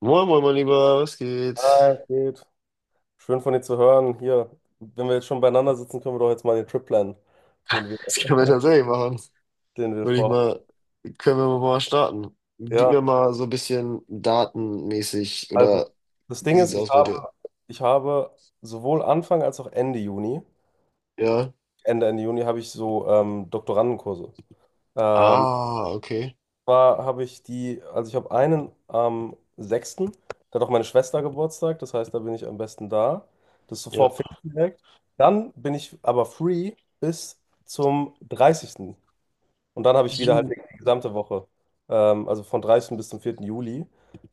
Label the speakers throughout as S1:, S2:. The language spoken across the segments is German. S1: Moin, moin, mein Lieber, was geht?
S2: Hi, geht. Schön von dir zu hören. Hier, wenn wir jetzt schon beieinander sitzen, können wir doch jetzt mal den Trip planen, den wir,
S1: Das können wir tatsächlich machen.
S2: den wir
S1: Würde ich
S2: vorhaben.
S1: mal, Können wir mal starten. Gib mir
S2: Ja,
S1: mal so ein bisschen datenmäßig
S2: also
S1: oder
S2: das
S1: wie
S2: Ding
S1: sieht's
S2: ist, ich
S1: aus bei dir?
S2: habe, ich habe sowohl Anfang als auch Ende Juni,
S1: Ja.
S2: Ende Juni habe ich so Doktorandenkurse. Ähm,
S1: Ah, okay.
S2: zwar habe ich die, also ich habe einen am 6., da hat auch meine Schwester Geburtstag, das heißt, da bin ich am besten da. Das ist
S1: Ja.
S2: sofort Pfingsten direkt. Dann bin ich aber free bis zum 30. Und dann habe ich wieder halt
S1: Ju.
S2: die gesamte Woche, also von 30. bis zum 4. Juli,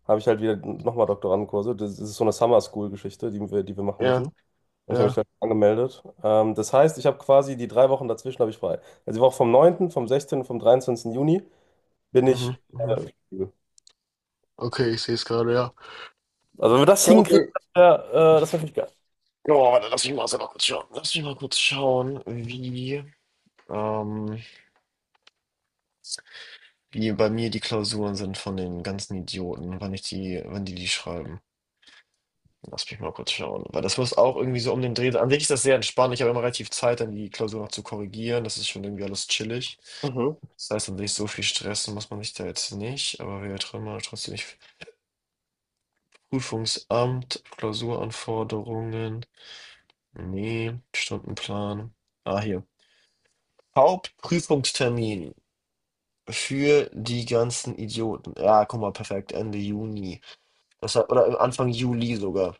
S2: habe ich halt wieder nochmal Doktorandenkurse. Das ist so eine Summer School-Geschichte, die wir machen
S1: Ja,
S2: müssen. Und ich habe mich
S1: ja.
S2: da angemeldet. Das heißt, ich habe quasi die drei Wochen dazwischen habe ich frei. Also die Woche vom 9., vom 16. und vom 23. Juni bin ich
S1: Mhm,
S2: Äh,
S1: mhm.
S2: flexibel.
S1: Okay, ich sehe es gerade, ja.
S2: Also wenn wir das
S1: Ja,
S2: hinkriegen,
S1: okay.
S2: das wär natürlich geil.
S1: Oh, warte, lass mich mal selber kurz schauen. Lass mich mal kurz schauen, ähm, wie bei mir die Klausuren sind von den ganzen Idioten, wann die schreiben. Lass mich mal kurz schauen. Weil das muss auch irgendwie so um den Dreh sein. An sich ist das sehr entspannt. Ich habe immer relativ Zeit, dann die Klausur noch zu korrigieren. Das ist schon irgendwie alles chillig.
S2: Mhm.
S1: Das heißt, an sich so viel stressen muss man sich da jetzt nicht. Aber wir drin mal trotzdem nicht. Prüfungsamt, Klausuranforderungen. Nee, Stundenplan. Ah, hier. Hauptprüfungstermin für die ganzen Idioten. Ja, guck mal, perfekt. Ende Juni. Das hat, oder Anfang Juli sogar.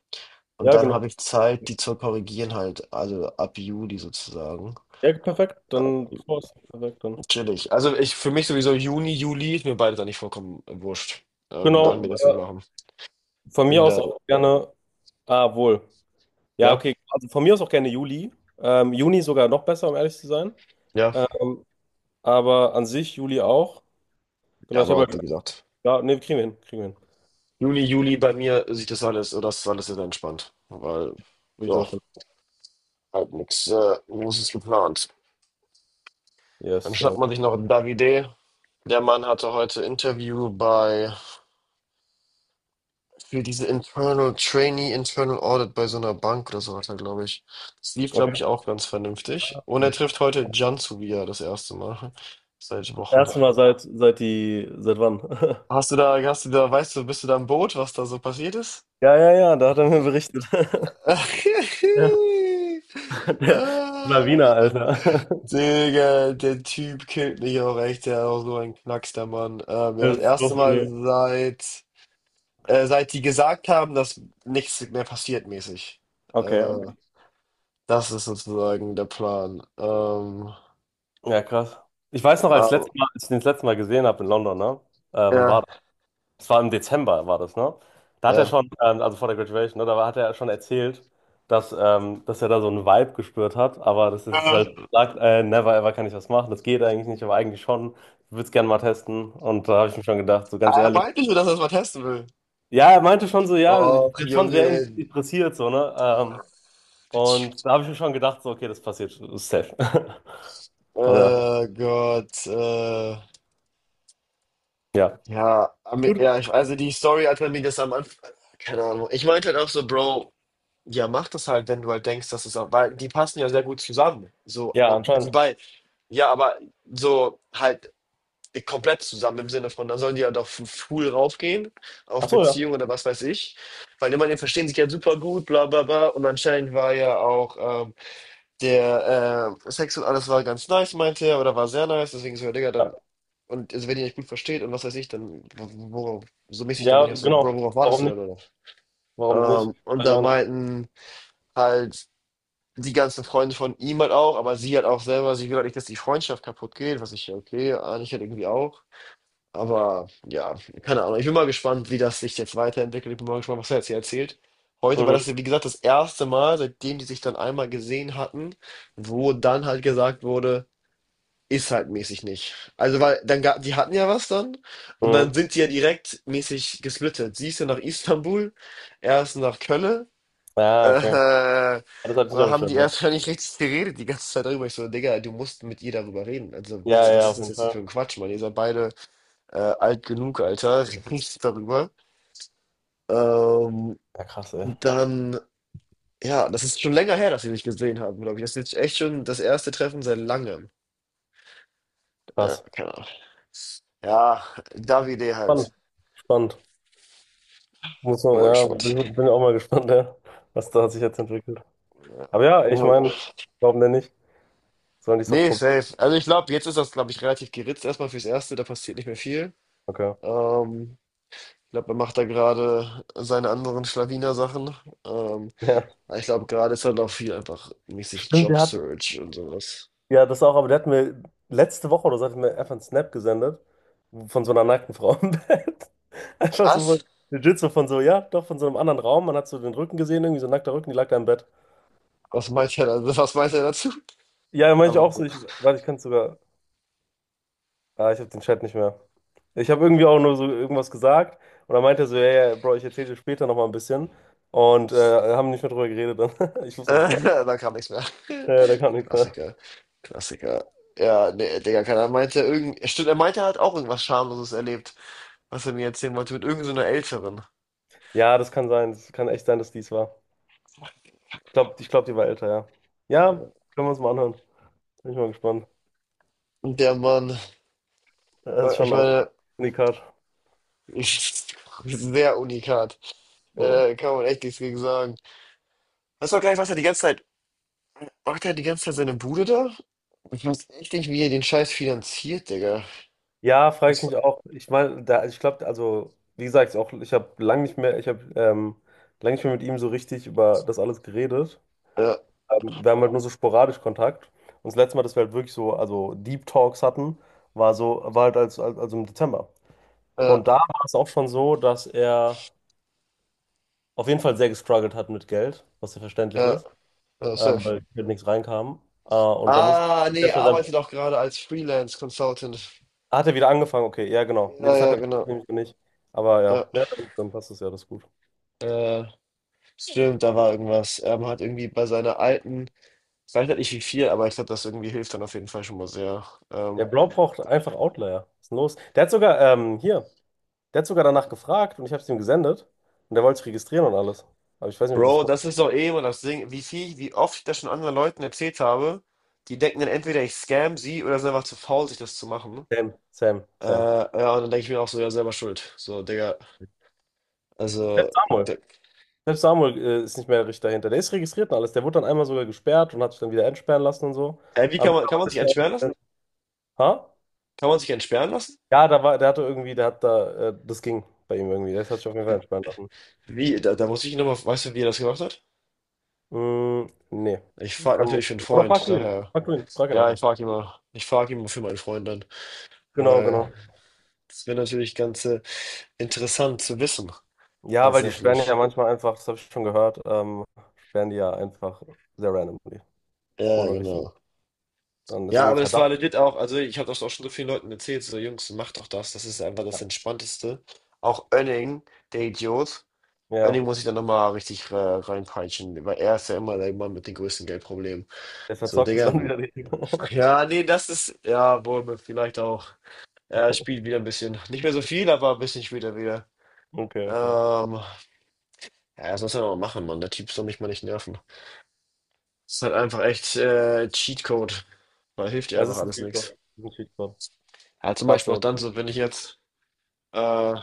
S1: Und
S2: Ja,
S1: dann
S2: genau.
S1: habe ich Zeit, die zu korrigieren halt, also ab Juli sozusagen.
S2: Ja, perfekt.
S1: Äh,
S2: Dann perfekt dann.
S1: Chillig. Also ich für mich sowieso Juni, Juli ist mir beides eigentlich vollkommen wurscht, wann wir
S2: Genau.
S1: das hier machen.
S2: Von mir
S1: Bin
S2: aus
S1: da,
S2: auch gerne. Ah, wohl. Ja,
S1: ja,
S2: okay. Also von mir aus auch gerne Juli. Juni sogar noch besser, um ehrlich zu sein.
S1: ja,
S2: Ähm, aber an sich Juli auch.
S1: ja,
S2: Genau, ich
S1: aber
S2: habe
S1: auch wie
S2: halt.
S1: gesagt.
S2: Ja, nee, kriegen wir hin. Kriegen wir hin.
S1: Juni, Juli bei mir sieht das alles, oder das ist alles sehr entspannt, weil,
S2: Würde ich
S1: ja,
S2: auch hin.
S1: halt nichts Großes geplant. Dann
S2: Yes,
S1: schnappt
S2: ja.
S1: man sich noch Davide. Der Mann hatte heute Interview bei für diese Internal Trainee, Internal Audit bei so einer Bank oder so hat er, glaube ich. Das lief,
S2: Okay.
S1: glaube ich, auch ganz vernünftig. Und er trifft heute Cansu wieder das erste Mal. Seit
S2: Das
S1: Wochen.
S2: erste Mal seit die. Seit wann?
S1: Weißt du, bist du da im Boot, was da so passiert ist?
S2: Ja, ja, ja, da hat er mir berichtet. Ja, der
S1: Ah,
S2: Lawiner, Alter.
S1: Digga, der Typ killt mich auch echt, der ist auch so ein Knacks, der Mann. Ja, das
S2: Das ist
S1: erste
S2: doch
S1: Mal
S2: eine.
S1: seit die gesagt haben, dass nichts mehr passiert mäßig.
S2: Okay,
S1: Äh,
S2: okay.
S1: Das ist sozusagen der Plan.
S2: Ja, krass. Ich weiß noch, als
S1: Aber,
S2: letztes Mal, als ich den das letzte Mal gesehen habe in London, ne? Wann war
S1: ja,
S2: Es war im Dezember, war das, ne? Da hat er
S1: ja.
S2: schon, also vor der Graduation, ne, da hat er schon erzählt, dass er da so einen Vibe gespürt hat, aber das ist halt,
S1: Äh,
S2: sagt, never ever kann ich was machen, das geht eigentlich nicht, aber eigentlich schon, ich würde es gerne mal testen. Und da habe ich mir schon gedacht, so ganz
S1: Er
S2: ehrlich.
S1: meinte schon, dass er es mal testen will.
S2: Ja, er meinte schon so, ja, ich
S1: Och,
S2: bin schon sehr
S1: Junge.
S2: interessiert, so, ne? Und da habe ich mir schon gedacht, so, okay, das passiert safe. Oder,
S1: Gott.
S2: ja.
S1: Ja,
S2: Gut.
S1: ja, ich, also die Story, als man mir das am Anfang. Keine Ahnung. Ich meinte halt auch so, Bro, ja, mach das halt, wenn du halt denkst, dass es auch. Weil die passen ja sehr gut zusammen. So,
S2: Ja,
S1: die
S2: anscheinend.
S1: beiden. Ja, aber so halt. Die komplett zusammen im Sinne von, da sollen die ja halt doch full raufgehen, auf
S2: Ach so, ja.
S1: Beziehung oder was weiß ich. Weil immerhin verstehen sich ja super gut, bla bla bla. Und anscheinend war ja auch ähm, der Sex und alles war ganz nice, meinte er, oder war sehr nice, deswegen so, ja, Digga,
S2: Ja,
S1: dann. Und also, wenn ihr euch gut versteht und was weiß ich, dann worauf, so mäßig, dann
S2: ja,
S1: manchmal so, Bro,
S2: genau.
S1: worauf wartest
S2: Warum
S1: du
S2: nicht?
S1: denn, oder?
S2: Warum nicht?
S1: Und
S2: Weiß ich
S1: da
S2: auch nicht.
S1: meinten halt die ganzen Freunde von ihm halt auch, aber sie halt auch selber, sie will halt nicht, dass die Freundschaft kaputt geht, was ich, ja, okay, eigentlich halt irgendwie auch. Aber ja, keine Ahnung. Ich bin mal gespannt, wie das sich jetzt weiterentwickelt. Ich bin mal gespannt, was er jetzt hier erzählt. Heute war
S2: Mhm.
S1: das, wie gesagt, das erste Mal, seitdem die sich dann einmal gesehen hatten, wo dann halt gesagt wurde, ist halt mäßig nicht. Also, weil dann die hatten ja was dann und dann
S2: Mhm.
S1: sind die ja direkt mäßig gesplittet. Sie ist ja nach Istanbul, er ist nach Köln.
S2: Ja, okay.
S1: Äh,
S2: Das hatte ich nicht
S1: und
S2: auf dem
S1: haben
S2: Schirm,
S1: die
S2: ja.
S1: erst gar nicht richtig geredet die ganze Zeit darüber. Ich so, Digga, du musst mit ihr darüber reden. Also,
S2: Ja, ja,
S1: was ist
S2: auf
S1: das
S2: jeden
S1: jetzt hier für
S2: Fall.
S1: ein Quatsch, Mann? Ihr seid beide alt genug, Alter, riecht darüber. Ähm,
S2: Ja, krass, ey.
S1: und dann, ja, das ist schon länger her, dass wir mich gesehen haben, glaube ich. Das ist jetzt echt schon das erste Treffen seit langem. Ja,
S2: Krass.
S1: keine Ahnung. Ja, Davide
S2: Spannend,
S1: halt.
S2: spannend. Muss
S1: Bin
S2: man,
S1: mal
S2: ja,
S1: gespannt.
S2: bin auch mal gespannt, ja, was da sich jetzt entwickelt.
S1: Ja.
S2: Aber ja, ich
S1: Oh,
S2: meine, warum denn nicht? Sollen die es doch
S1: nee,
S2: probieren?
S1: safe. Also ich glaube, jetzt ist das, glaube ich, relativ geritzt erstmal fürs Erste, da passiert nicht mehr viel.
S2: Okay.
S1: Ähm, Ich glaube, er macht da gerade seine anderen Schlawiner-Sachen. Ähm,
S2: Ja.
S1: aber ich glaube, gerade ist halt auch viel einfach mäßig
S2: Stimmt, der hat,
S1: Job-Search und sowas.
S2: ja, das auch, aber der hat mir letzte Woche oder so hat er mir einfach einen Snap gesendet von so einer nackten Frau im Bett. Einfach so
S1: Was?
S2: von, legit so von so, ja, doch von so einem anderen Raum. Man hat so den Rücken gesehen, irgendwie so ein nackter Rücken, die lag da im Bett.
S1: Was meint er da Was meint er dazu?
S2: Ja, meine ich
S1: Einfach
S2: auch
S1: so.
S2: so, ich, warte, ich kann es sogar. Ah, ich habe den Chat nicht mehr. Ich habe irgendwie auch nur so irgendwas gesagt, und dann meinte er so, ja, ja, Bro, ich erzähle dir später nochmal ein bisschen, und haben nicht mehr drüber geredet dann. Ich muss mal
S1: Äh,
S2: fragen.
S1: Da kam nichts mehr.
S2: Ja, da kam nichts mehr.
S1: Klassiker, Klassiker. Ja, ne, Digga, keiner meinte irgend, stimmt, er meinte, er hat auch irgendwas Schamloses erlebt, was er mir erzählen wollte, mit irgend so einer Älteren.
S2: Ja, das kann sein. Das kann echt sein, dass dies war. Ich glaube, ich glaub, die war älter, ja. Ja, können wir uns mal anhören. Bin ich mal gespannt.
S1: Und der Mann,
S2: Das ist
S1: ich
S2: schon auch ein
S1: meine,
S2: Unikat.
S1: ich, sehr unikat.
S2: Ja,
S1: Kann man echt nichts gegen sagen. Weißt du auch gar nicht, was er die ganze Zeit, macht er die ganze Zeit seine Bude da? Ich weiß echt nicht, wie er den Scheiß finanziert, Digga.
S2: ja frage ich
S1: Das,
S2: mich auch. Ich meine, da, ich glaube, also, wie gesagt, auch, ich habe lange nicht mehr, ich habe lange nicht mehr mit ihm so richtig über das alles geredet.
S1: ja,
S2: Wir haben halt nur so sporadisch Kontakt. Und das letzte Mal, dass wir halt wirklich so, also Deep Talks hatten, war so, war halt als, also im Dezember.
S1: ja,
S2: Und da war es auch schon so, dass er auf jeden Fall sehr gestruggelt hat mit Geld, was ja verständlich
S1: ja,
S2: ist,
S1: ja, safe.
S2: weil mit nichts reinkam. Und da muss,
S1: Ah, nee,
S2: jetzt hat er-
S1: arbeite doch gerade als Freelance Consultant.
S2: hat er wieder angefangen, okay, ja, genau. Nee,
S1: Ja,
S2: das hat
S1: ja,
S2: er
S1: genau.
S2: nämlich noch nicht. Aber ja,
S1: Ja.
S2: ja, dann passt es ja, das ist gut.
S1: Äh, stimmt, da war irgendwas. Er hat irgendwie bei seiner alten, ich weiß halt nicht wie viel, aber ich glaube, das irgendwie hilft dann auf jeden Fall schon mal sehr. Ähm,
S2: Der Bro braucht einfach Outlier. Was ist denn los? Der hat sogar danach gefragt, und ich habe es ihm gesendet, und der wollte sich registrieren und alles. Aber ich weiß nicht, ob das
S1: Bro, das ist doch eh immer das Ding, wie viel, wie oft ich das schon anderen Leuten erzählt habe, die denken dann entweder ich scam sie oder sind einfach zu faul, sich das zu machen.
S2: Sam, Sam, Sam.
S1: Ja, und dann denke ich mir auch so, ja, selber schuld. So, Digga, also,
S2: Selbst Samuel.
S1: da,
S2: Selbst Samuel ist nicht mehr richtig dahinter. Der ist registriert und alles. Der wurde dann einmal sogar gesperrt und hat sich dann wieder entsperren lassen und so. Aber
S1: kann
S2: mittlerweile
S1: man sich
S2: ist
S1: entsperren
S2: der auch.
S1: lassen?
S2: Ha?
S1: Kann man sich entsperren lassen?
S2: Ja, da war, der hatte irgendwie, der hat da, das ging bei ihm irgendwie. Der hat sich auf jeden Fall entsperren lassen.
S1: Da muss ich ihn nochmal, weißt du, wie er das gemacht hat?
S2: Mm, nee.
S1: Ich
S2: Ich
S1: frage
S2: kann,
S1: natürlich für einen
S2: oder frag
S1: Freund,
S2: du ihn.
S1: daher.
S2: Frag du ihn. Frag ihn einfach.
S1: Ich frage immer für meinen Freund dann,
S2: Genau,
S1: weil
S2: genau.
S1: das wäre natürlich ganz interessant zu wissen,
S2: Ja, weil die sperren ja
S1: tatsächlich.
S2: manchmal einfach, das habe ich schon gehört, sperren die ja einfach sehr randomly.
S1: Ja,
S2: Ohne richtigen.
S1: genau.
S2: Dann ist
S1: Ja,
S2: irgendwie
S1: aber das war
S2: Verdacht.
S1: legit auch, also ich habe das auch schon so vielen Leuten erzählt, so Jungs, macht doch das, das ist einfach
S2: Ja,
S1: das Entspannteste. Auch Önning, der Idiot,
S2: ja.
S1: Önning muss ich dann nochmal richtig reinpeitschen, weil er ist ja immer der Mann mit den größten Geldproblemen.
S2: Der
S1: So,
S2: verzockt es
S1: Digga,
S2: dann wieder richtig.
S1: ja, nee, das ist, ja, wohl, vielleicht auch. Er spielt wieder ein bisschen. Nicht mehr so viel, aber ein bisschen spielt er wieder.
S2: Okay, okay.
S1: Ähm, ja, das muss er noch machen, Mann. Der Typ soll mich mal nicht nerven. Das ist halt einfach echt Cheatcode. Da hilft ja
S2: Es
S1: einfach
S2: ist ein
S1: alles
S2: Cheat
S1: nichts.
S2: Code. Ein Cheat Code.
S1: Ja, zum
S2: Gerade
S1: Beispiel auch
S2: so.
S1: dann so, wenn ich jetzt, äh,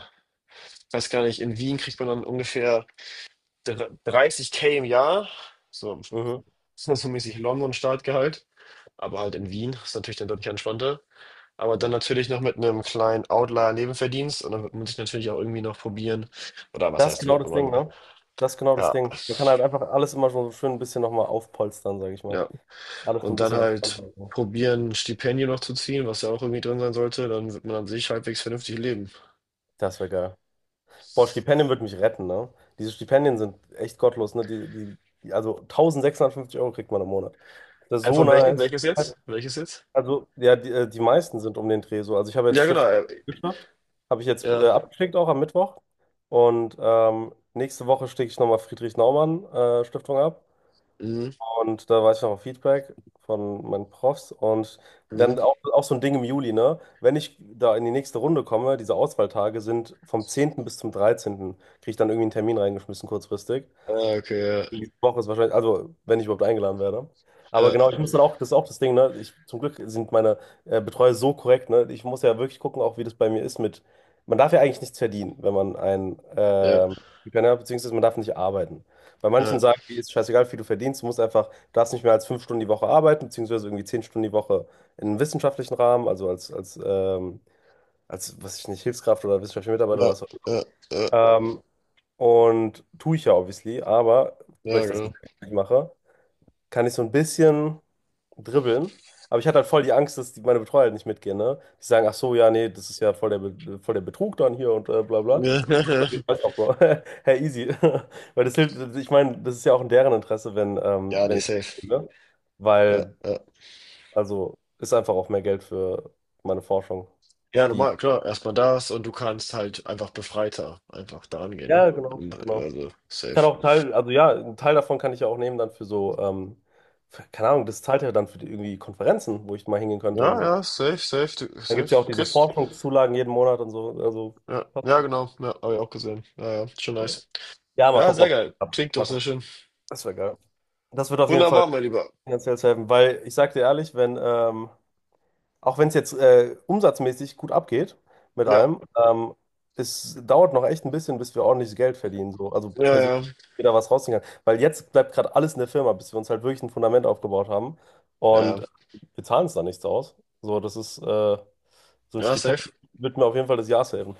S1: weiß gar nicht, in Wien kriegt man dann ungefähr 30k im Jahr. So,
S2: Mhm.
S1: das ist so mäßig London-Startgehalt. Aber halt in Wien ist natürlich dann deutlich entspannter. Aber dann
S2: Ja.
S1: natürlich noch mit einem kleinen Outlier-Nebenverdienst. Und dann wird man sich natürlich auch irgendwie noch probieren. Oder was
S2: Das ist
S1: heißt,
S2: genau
S1: wird
S2: das Ding,
S1: man.
S2: ne? Das ist genau das
S1: Ja,
S2: Ding. Man kann halt einfach alles immer schon so schön ein bisschen nochmal aufpolstern, sage ich mal.
S1: ja,
S2: Alles so ein
S1: und dann
S2: bisschen entspannter
S1: halt
S2: halten.
S1: probieren, ein Stipendium noch zu ziehen, was ja auch irgendwie drin sein sollte, dann wird man an sich halbwegs vernünftig leben.
S2: Das wäre geil. Boah, Stipendien würde mich retten, ne? Diese Stipendien sind echt gottlos, ne? Also 1.650 Euro kriegt man im Monat. Das ist so
S1: Von welchem?
S2: nice.
S1: Welches jetzt? Welches jetzt?
S2: Also, ja, die meisten sind um den Dreh so. Also ich habe jetzt
S1: Ja, genau.
S2: Stiftung geschafft. Habe ich jetzt
S1: Ja.
S2: abgeschickt auch am Mittwoch. Und nächste Woche schicke ich nochmal Friedrich Naumann Stiftung ab.
S1: Mhm.
S2: Und da weiß ich noch auf Feedback von meinen Profs. Und
S1: Mhm.
S2: dann auch so ein Ding im Juli, ne? Wenn ich da in die nächste Runde komme, diese Auswahltage sind vom 10. bis zum 13., kriege ich dann irgendwie einen Termin reingeschmissen kurzfristig.
S1: Ah, okay,
S2: Nächste Woche ist wahrscheinlich, also wenn ich überhaupt eingeladen werde. Aber
S1: ja.
S2: genau, ich muss dann auch, das ist auch das Ding, ne? Ich, zum Glück sind meine Betreuer so korrekt, ne? Ich muss ja wirklich gucken, auch wie das bei mir ist mit, man darf ja eigentlich nichts verdienen, wenn man ein
S1: Ja,
S2: Stipendien hat, beziehungsweise man darf nicht arbeiten. Bei
S1: ja,
S2: manchen sagen, wie ist scheißegal, wie viel du verdienst, du musst einfach, du darfst nicht mehr als 5 Stunden die Woche arbeiten, beziehungsweise irgendwie 10 Stunden die Woche in einem wissenschaftlichen Rahmen, also was weiß ich nicht, Hilfskraft oder wissenschaftlicher Mitarbeiter
S1: ja,
S2: oder was,
S1: ja, ja, ja,
S2: ähm, und tue ich ja obviously, aber weil
S1: ja,
S2: ich das
S1: genau.
S2: nicht mache, kann ich so ein bisschen dribbeln. Aber ich hatte halt voll die Angst, dass die, meine Betreuer halt nicht mitgehen, ne? Die sagen, ach so, ja, nee, das ist ja voll voll der Betrug dann hier und bla bla. Und ich weiß auch, Bro. Hey, easy. Weil das hilft, ich meine, das ist ja auch in deren Interesse, wenn, ähm,
S1: Ja,
S2: wenn
S1: nee,
S2: ich Geld
S1: safe.
S2: verdiene.
S1: Ja,
S2: Weil,
S1: ja.
S2: also, ist einfach auch mehr Geld für meine Forschung.
S1: Ja,
S2: Die.
S1: normal, klar. Erstmal das und du kannst halt einfach befreiter einfach da angehen, ne?
S2: Ja, genau, genau.
S1: Also,
S2: Ich kann
S1: safe.
S2: auch Teil, also ja, einen Teil davon kann ich ja auch nehmen dann für so, für, keine Ahnung, das zahlt ja dann für die, irgendwie Konferenzen, wo ich mal hingehen könnte.
S1: Ja,
S2: Und
S1: ja, safe, safe,
S2: dann gibt es ja auch
S1: safe.
S2: diese
S1: Chris,
S2: Forschungszulagen jeden Monat und so. Also,
S1: ja,
S2: passt,
S1: ja, genau. Ja, habe ich auch gesehen. Ja, ja, schon nice.
S2: ja, mal
S1: Ja,
S2: gucken,
S1: sehr
S2: ob
S1: geil.
S2: das klappt.
S1: Klingt doch
S2: Mal
S1: sehr
S2: gucken.
S1: schön.
S2: Das wäre geil. Das wird auf jeden Fall
S1: Wunderbar, mein Lieber.
S2: finanziell helfen, weil ich sag dir ehrlich, wenn, auch wenn es jetzt umsatzmäßig gut abgeht mit
S1: Ja,
S2: allem, es dauert noch echt ein bisschen, bis wir ordentliches Geld verdienen, so. Also
S1: ja, ja,
S2: persönlich
S1: ja,
S2: wieder was rausziehen kann. Weil jetzt bleibt gerade alles in der Firma, bis wir uns halt wirklich ein Fundament aufgebaut haben. Und
S1: ja,
S2: wir zahlen es da nichts aus. So, das ist so ein
S1: ja, safe.
S2: Stipendium wird mir auf jeden Fall des Jahres helfen.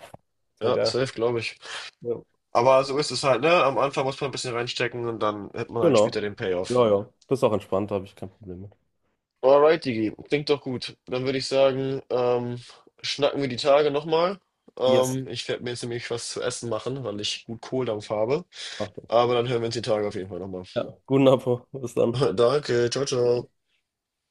S2: Sehr
S1: Ja,
S2: geil.
S1: safe, glaube ich.
S2: Ja.
S1: Aber so ist es halt, ne? Am Anfang muss man ein bisschen reinstecken und dann hat man halt
S2: Genau.
S1: später den Payoff.
S2: Ja, ja. Das ist auch entspannt, da habe ich kein Problem mit.
S1: Alright, Digi. Klingt doch gut. Dann würde ich sagen, schnacken wir die Tage nochmal.
S2: Yes.
S1: Ich werde mir jetzt nämlich was zu essen machen, weil ich gut Kohldampf habe.
S2: Achtung.
S1: Aber dann hören wir uns die Tage auf jeden Fall nochmal.
S2: Ja. Guten Appetit. Bis dann.
S1: Danke, ciao, ciao.